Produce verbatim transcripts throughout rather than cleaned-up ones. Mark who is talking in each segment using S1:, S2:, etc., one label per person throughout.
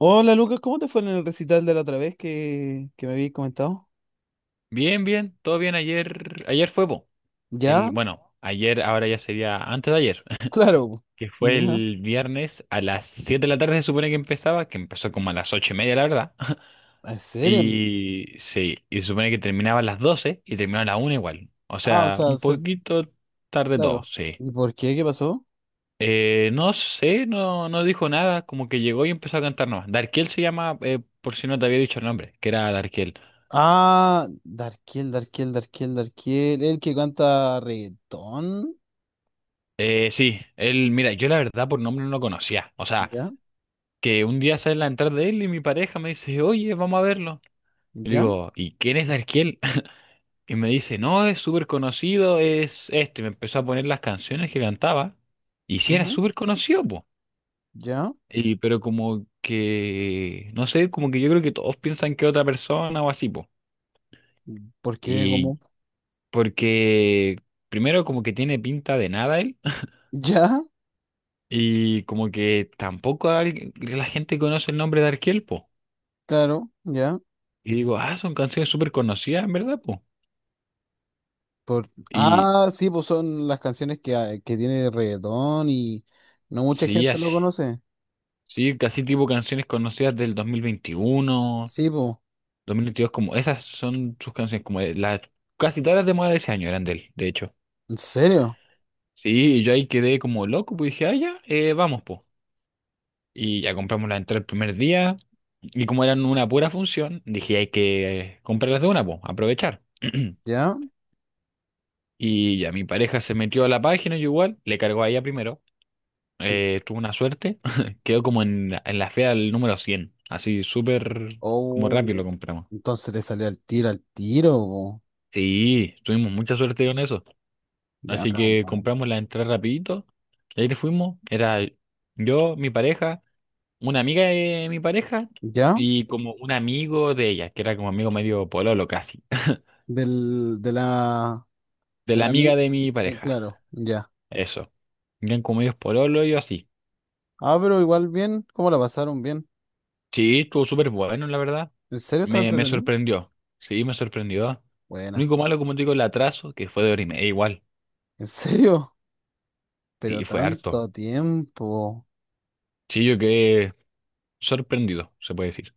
S1: Hola Lucas, ¿cómo te fue en el recital de la otra vez que, que me habías comentado?
S2: Bien, bien, todo bien. Ayer, ayer fue po, el,
S1: ¿Ya?
S2: bueno, ayer, ahora ya sería antes de ayer.
S1: Claro, po.
S2: Que fue
S1: ¿Ya?
S2: el viernes a las siete de la tarde se supone que empezaba, que empezó como a las ocho y media, la verdad.
S1: ¿En serio?
S2: Y sí, y se supone que terminaba a las doce y terminó a la una igual. O
S1: Ah, o
S2: sea,
S1: sea,
S2: un
S1: se-
S2: poquito tarde todo,
S1: claro.
S2: sí.
S1: ¿Y por qué? ¿Qué pasó?
S2: Eh, no sé, no, no dijo nada, como que llegó y empezó a cantar nomás. Darkiel se llama, eh, por si no te había dicho el nombre, que era Darkiel.
S1: Ah, Darkiel, Darkiel, Darkiel, Darkiel, el que canta reggaetón.
S2: Eh, sí, él, mira, yo la verdad por nombre no lo conocía. O sea,
S1: ¿Ya?
S2: que un día sale la entrada de él y mi pareja me dice, oye, vamos a verlo. Y le
S1: ¿Ya?
S2: digo, ¿y quién es Darkiel? Y me dice, no, es súper conocido, es este. Me empezó a poner las canciones que cantaba. Y sí, era
S1: Ujú.
S2: súper conocido, po.
S1: ¿Ya?
S2: Y, pero como que, no sé, como que yo creo que todos piensan que es otra persona o así, po.
S1: ¿Por qué?
S2: Y
S1: ¿Cómo?
S2: porque, primero, como que tiene pinta de nada él.
S1: ¿Ya?
S2: Y como que tampoco alguien- la gente conoce el nombre de Darkiel, po.
S1: Claro, ya.
S2: Y digo, ah, son canciones súper conocidas, en verdad, po.
S1: Por...
S2: Y
S1: Ah, sí, pues son las canciones que, hay- que tiene reggaetón y no mucha
S2: sí,
S1: gente lo
S2: así.
S1: conoce.
S2: Sí, casi tipo canciones conocidas del dos dos mil veintiuno
S1: Sí, pues.
S2: dos mil veintidós, como esas son sus canciones, como de las casi todas las de moda de ese año eran de él, de hecho.
S1: ¿En serio?
S2: Sí, y yo ahí quedé como loco, pues dije, ah, ya, eh, vamos, po. Y ya compramos la entrada el primer día, y como eran una pura función, dije, hay que eh, comprarlas de una, po, aprovechar.
S1: ¿Ya?
S2: Y ya mi pareja se metió a la página, yo igual, le cargó a ella primero, eh, tuve una suerte, quedó como en, la- en la fea el número cien, así súper como rápido lo
S1: Oh,
S2: compramos.
S1: entonces te salió al tiro, al tiro, po.
S2: Sí, tuvimos mucha suerte con eso,
S1: Ya,
S2: así
S1: la
S2: que
S1: madre.
S2: compramos la entrada rapidito, y ahí fuimos, era yo, mi pareja, una amiga de mi pareja
S1: ¿Ya?
S2: y como un amigo de ella, que era como amigo medio pololo casi,
S1: Del, de la,
S2: de
S1: de
S2: la
S1: la, mi-
S2: amiga de mi
S1: eh,
S2: pareja,
S1: claro, ya.
S2: eso. Eran como medios pololo y yo así.
S1: Ah, pero igual bien, ¿cómo la pasaron bien?
S2: Sí, estuvo súper bueno, la verdad.
S1: ¿En serio estaba
S2: Me, me
S1: entretenido?
S2: sorprendió. Sí, me sorprendió. Lo
S1: Buena,
S2: único malo, como te digo, el atraso, que fue de hora y media igual.
S1: ¿en serio? Pero
S2: Sí, fue harto.
S1: tanto tiempo.
S2: Sí, yo quedé sorprendido, se puede decir.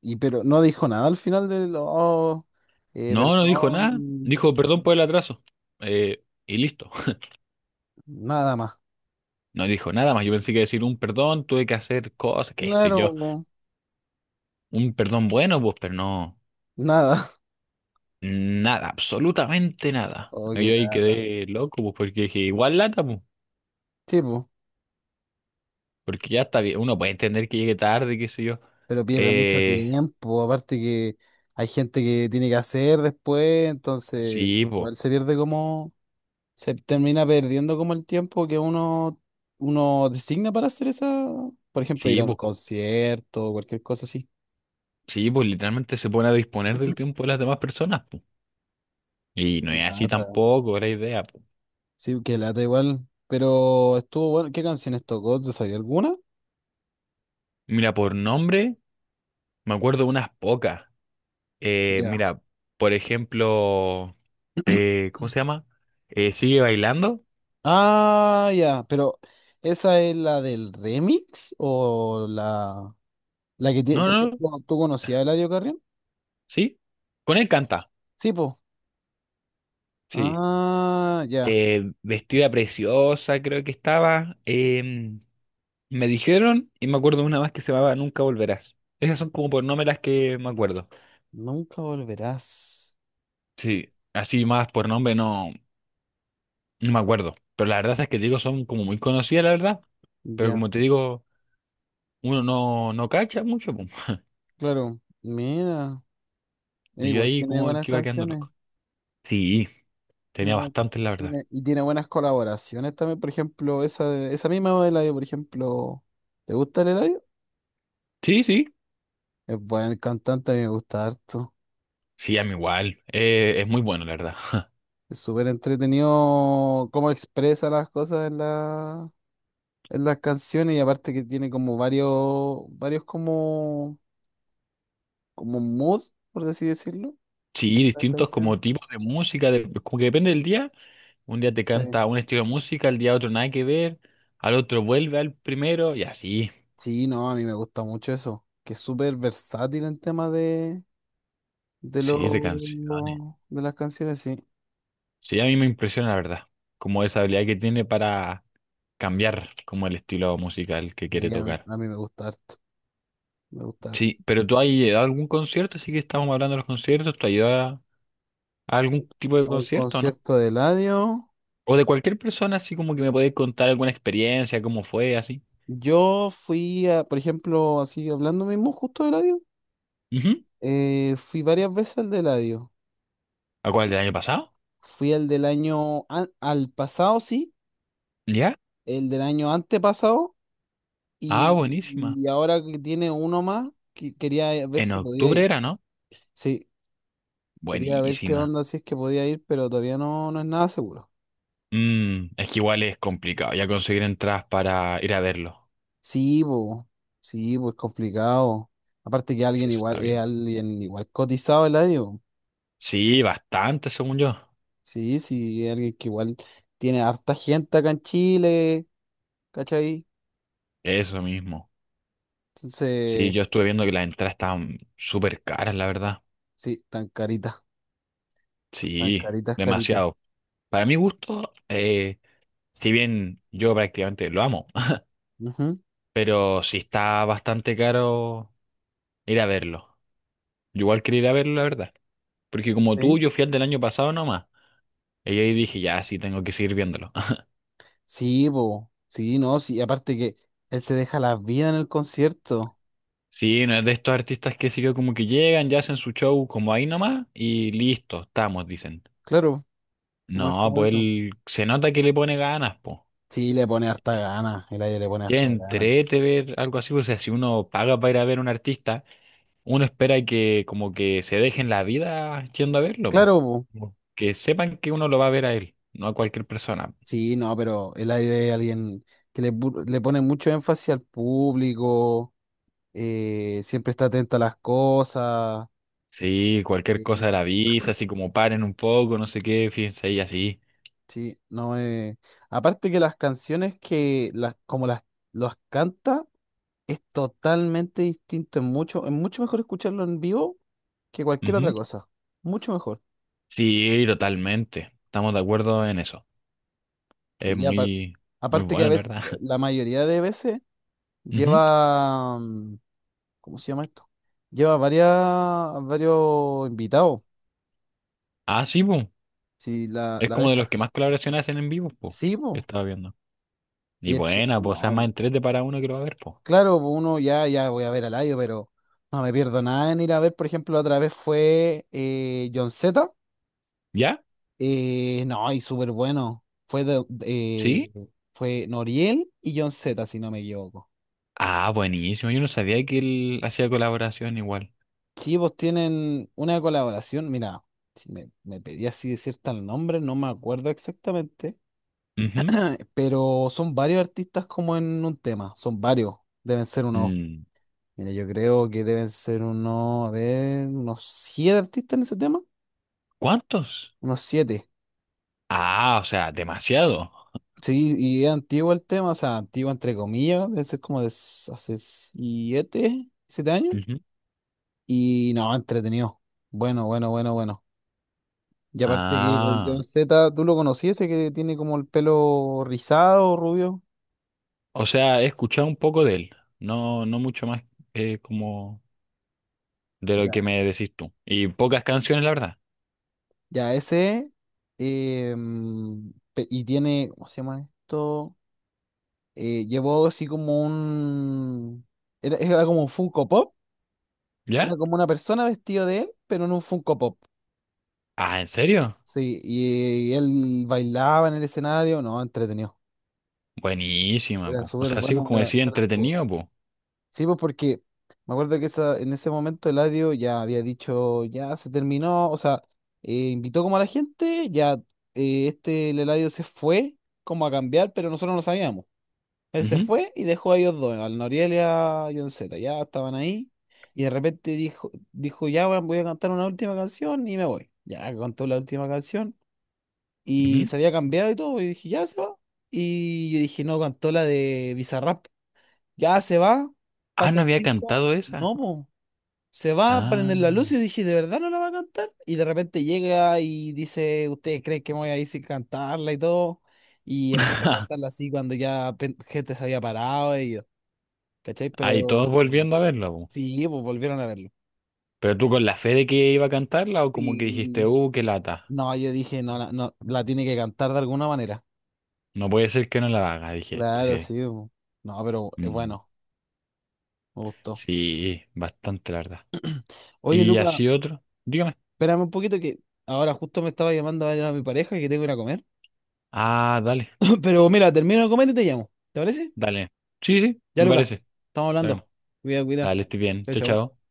S1: Y pero no dijo nada al final del, oh, eh,
S2: No, no dijo nada.
S1: perdón,
S2: Dijo perdón por el atraso. Eh, y listo.
S1: nada más.
S2: No dijo nada más. Yo pensé que decir un perdón, tuve que hacer cosas, qué sé
S1: Claro,
S2: yo.
S1: po,
S2: Un perdón bueno, pues, pero no.
S1: nada.
S2: Nada, absolutamente nada.
S1: Oh,
S2: Y
S1: qué
S2: yo ahí
S1: lata.
S2: quedé loco, pues, porque dije, igual lata, pues.
S1: Sí, po,
S2: Porque ya está bien, uno puede entender que llegue tarde, qué sé yo.
S1: pero pierde mucho
S2: Eh,
S1: tiempo. Aparte que hay gente que tiene que hacer después, entonces
S2: sí, pues,
S1: igual se pierde como, se termina perdiendo como el tiempo que uno, uno designa para hacer esa, por ejemplo, ir
S2: sí,
S1: a un
S2: pues,
S1: concierto o cualquier cosa así.
S2: sí, pues literalmente se pone a disponer del tiempo de las demás personas, pues. Y
S1: Qué
S2: no es así
S1: lata.
S2: tampoco la idea, po.
S1: Sí, que lata igual. Pero estuvo bueno. ¿Qué canciones tocó? ¿Te sabía alguna?
S2: Mira, por nombre, me acuerdo unas pocas. Eh,
S1: Ya.
S2: mira, por ejemplo, eh, ¿cómo se llama? Eh, ¿sigue bailando?
S1: Ah, ya. Pero, ¿esa es la del remix? ¿O la, la que tiene,
S2: No,
S1: por
S2: no, no,
S1: ejemplo, tú conocías a Eladio Carrión?
S2: sí. Con él canta,
S1: Sí, pues.
S2: sí.
S1: Ah, ya,
S2: Eh, vestida preciosa, creo que estaba. Eh, Me dijeron, y me acuerdo de una más que se llamaba Nunca Volverás. Esas son como por nombre las que me acuerdo.
S1: Nunca volverás.
S2: Sí, así más por nombre no, no me acuerdo. Pero la verdad es que te digo, son como muy conocidas, la verdad. Pero
S1: Ya,
S2: como te digo, uno no, no cacha mucho, pum.
S1: claro. Mira, eh,
S2: Y yo
S1: igual
S2: ahí
S1: tiene
S2: como
S1: buenas
S2: que iba quedando
S1: canciones.
S2: loco. Sí,
S1: Tiene
S2: tenía
S1: buenas-
S2: bastantes, la verdad.
S1: tiene- y tiene buenas colaboraciones también. Por ejemplo, esa, de- esa misma de Eladio, por ejemplo. ¿Te gusta el Eladio?
S2: Sí, sí.
S1: Es buen cantante, a mí me gusta harto.
S2: Sí, a mí igual. Eh, es muy
S1: Harto.
S2: bueno, la verdad.
S1: Es súper entretenido cómo expresa las cosas en la, en las canciones. Y aparte que tiene como varios, varios como, como mood, por así decirlo,
S2: Sí,
S1: las
S2: distintos
S1: canciones.
S2: como tipos de música, de- como que depende del día. Un día te
S1: Sí.
S2: canta un estilo de música, al día otro nada que ver, al otro vuelve al primero y así.
S1: Sí, no, a mí me gusta mucho eso, que es súper versátil en tema de, de,
S2: Sí, de
S1: lo-
S2: canciones.
S1: de las canciones, sí.
S2: Sí, a mí me impresiona la verdad, como esa habilidad que tiene para cambiar como el estilo musical que quiere
S1: Y a mí,
S2: tocar.
S1: a mí me gusta harto, me gusta harto.
S2: Sí, pero tú has ido a algún concierto, así que estamos hablando de los conciertos, ¿tú has ido a, a algún tipo de
S1: A un
S2: concierto, no?
S1: concierto de Eladio,
S2: O de cualquier persona, así como que me podéis contar alguna experiencia, cómo fue, así.
S1: yo fui, a, por ejemplo, así hablando mismo justo de Eladio,
S2: Ujú.
S1: eh, fui varias veces al de Eladio.
S2: ¿A cuál del año pasado?
S1: Fui al del año, an- al pasado, sí,
S2: ¿Ya?
S1: el del año antepasado,
S2: Ah,
S1: y,
S2: buenísima.
S1: y ahora que tiene uno más, que- quería ver
S2: En
S1: si podía
S2: octubre
S1: ir.
S2: era, ¿no?
S1: Sí. Quería ver qué
S2: Buenísima.
S1: onda, si es que podía ir, pero todavía no, no es nada seguro.
S2: Mm, es que igual es complicado ya conseguir entradas para ir a verlo.
S1: Sí, pues, sí, pues complicado. Aparte que
S2: Sí,
S1: alguien
S2: eso
S1: igual,
S2: está
S1: es
S2: bien.
S1: alguien igual cotizado el adio.
S2: Sí, bastante, según yo.
S1: Sí, sí, es alguien que igual tiene harta gente acá en Chile, ¿cachai?
S2: Eso mismo. Sí,
S1: Entonces,
S2: yo estuve viendo que las entradas estaban súper caras, la verdad.
S1: sí, tan carita, tan
S2: Sí,
S1: caritas, caritas.
S2: demasiado. Para mi gusto, eh, si bien yo prácticamente lo amo,
S1: Ujú,
S2: pero sí está bastante caro ir a verlo. Yo igual quería ir a verlo, la verdad. Porque como tú,
S1: sí.
S2: yo fui al del año pasado nomás. Y ahí dije, ya, sí, tengo que seguir viéndolo.
S1: Sí, pues, sí, no, sí, aparte que él se deja la vida en el concierto.
S2: Sí, no es de estos artistas que sé yo, como que llegan, ya hacen su show como ahí nomás y listo, estamos, dicen.
S1: Claro, no es
S2: No,
S1: como
S2: pues
S1: eso.
S2: él se nota que le pone ganas, po.
S1: Sí, le pone harta gana, el adio le pone
S2: Ya
S1: harta gana.
S2: entrete ver algo así, pues, o sea, si uno paga para ir a ver a un artista, uno espera que como que se dejen la vida yendo a verlo, po.
S1: Claro, po.
S2: Como que sepan que uno lo va a ver a él, no a cualquier persona.
S1: Sí, no, pero es la idea de alguien que le, pu- le pone mucho énfasis al público, eh, siempre está atento a las cosas.
S2: Sí, cualquier cosa
S1: eh,
S2: de la visa, así como paren un poco, no sé qué, fíjense ahí así.
S1: sí, no. eh, Aparte que las canciones que las, como las los canta es totalmente distinto. Es mucho, es mucho mejor escucharlo en vivo que cualquier otra
S2: Ujú.
S1: cosa. Mucho mejor.
S2: Sí, totalmente. Estamos de acuerdo en eso.
S1: Sí,
S2: Es
S1: y apar-
S2: muy, muy
S1: aparte que a
S2: bueno, la
S1: veces,
S2: verdad.
S1: la mayoría de veces
S2: Ujú.
S1: lleva. ¿Cómo se llama esto? Lleva varias, varios invitados.
S2: Ah, sí, pues.
S1: Sí, la,
S2: Es
S1: la vez
S2: como de los que
S1: pas-
S2: más colaboraciones hacen en vivo, pues. Yo
S1: Sí, po.
S2: estaba viendo. Y
S1: Y eso,
S2: buena, pues, o sea, más
S1: no,
S2: en tres D para uno que lo va a ver, pues.
S1: claro, po, uno ya, ya voy a ver al Laio, pero no me pierdo nada en ir a ver. Por ejemplo, la otra vez fue eh, John Z.
S2: ¿Ya?
S1: Eh, no, y súper bueno. Fue, de- eh,
S2: ¿Sí?
S1: fue Noriel y John Z, si no me equivoco.
S2: Ah, buenísimo. Yo no sabía que él hacía colaboración igual.
S1: Sí, pues tienen una colaboración. Mira, si me, me pedí así decir tal nombre, no me acuerdo exactamente.
S2: Ujú.
S1: Pero son varios artistas como en un tema, son varios, deben ser unos,
S2: Mm,
S1: mira, yo creo que deben ser unos, a ver, unos siete artistas en ese tema,
S2: ¿cuántos?
S1: unos siete.
S2: Ah, o sea, demasiado.
S1: Sí, y es antiguo el tema, o sea, antiguo entre comillas, debe ser como de s- hace siete, siete años.
S2: Ujú.
S1: Y no, entretenido. Bueno, bueno, bueno, bueno. Y aparte que el John
S2: Ah,
S1: Z, ¿tú lo conocías? Ese que tiene como el pelo rizado, rubio.
S2: o sea, he escuchado un poco de él. No, no mucho más eh, como de lo que me decís tú. Y pocas canciones, la verdad.
S1: Ya, ese. em, pe- y tiene, ¿cómo se llama esto? Eh, llevó así como un... Era, era como un Funko Pop. Era
S2: ¿Ya?
S1: como una persona vestida de él, pero en un Funko Pop.
S2: Ah, ¿en serio?
S1: Sí, y, y él bailaba en el escenario. No, entretenido.
S2: Buenísima,
S1: Era
S2: po. O
S1: súper
S2: sea, sí, pues,
S1: bueno,
S2: como
S1: era-
S2: decía,
S1: se la jugó.
S2: entretenido, po.
S1: Sí, pues porque me acuerdo que esa, en ese momento Eladio ya había dicho, ya se terminó, o sea, eh, invitó como a la gente, ya eh, este el Eladio se fue como a cambiar, pero nosotros no sabíamos. Él se
S2: Ujú,
S1: fue y dejó a ellos dos, al Noriel y a John Z, ya estaban ahí y de repente dijo, dijo ya weón, voy a cantar una última canción y me voy. Ya cantó la última canción y
S2: ujú.
S1: se había cambiado y todo, y dije, ya se va. Y yo dije, no, cantó la de Bizarrap. Ya se va,
S2: Ah, no
S1: pasan
S2: había
S1: cinco,
S2: cantado esa.
S1: no, po. Se va a
S2: Ah.
S1: prender la luz y yo dije, ¿de verdad no la va a cantar? Y de repente llega y dice, ¿ustedes creen que me voy a ir sin cantarla y todo? Y empieza a cantarla así cuando ya pe- gente se había parado y yo, ¿cachai?
S2: Ahí todos
S1: Pero
S2: volviendo a verla, po.
S1: sí, pues volvieron a verlo.
S2: Pero tú con la fe de que iba a cantarla o como que dijiste,
S1: Y
S2: uh, qué lata.
S1: no, yo dije, no, la- no, la tiene que cantar de alguna manera.
S2: No puede ser que no la haga, dije,
S1: Claro,
S2: decía ahí.
S1: sí, po. No, pero es
S2: Mm,
S1: bueno, me gustó.
S2: sí, bastante, la verdad.
S1: Oye,
S2: Y
S1: Luca,
S2: así otro. Dígame.
S1: espérame un poquito que ahora justo me estaba llamando a a mi pareja que tengo que ir a comer.
S2: Ah, dale,
S1: Pero mira, termino de comer y te llamo. ¿Te parece?
S2: dale. Sí, sí,
S1: Ya, me
S2: me
S1: Lucas
S2: parece.
S1: parece. Estamos
S2: Dale,
S1: hablando. Cuida, cuida.
S2: dale,
S1: Dale.
S2: estoy bien. Chao,
S1: Chao,
S2: chao.
S1: chao.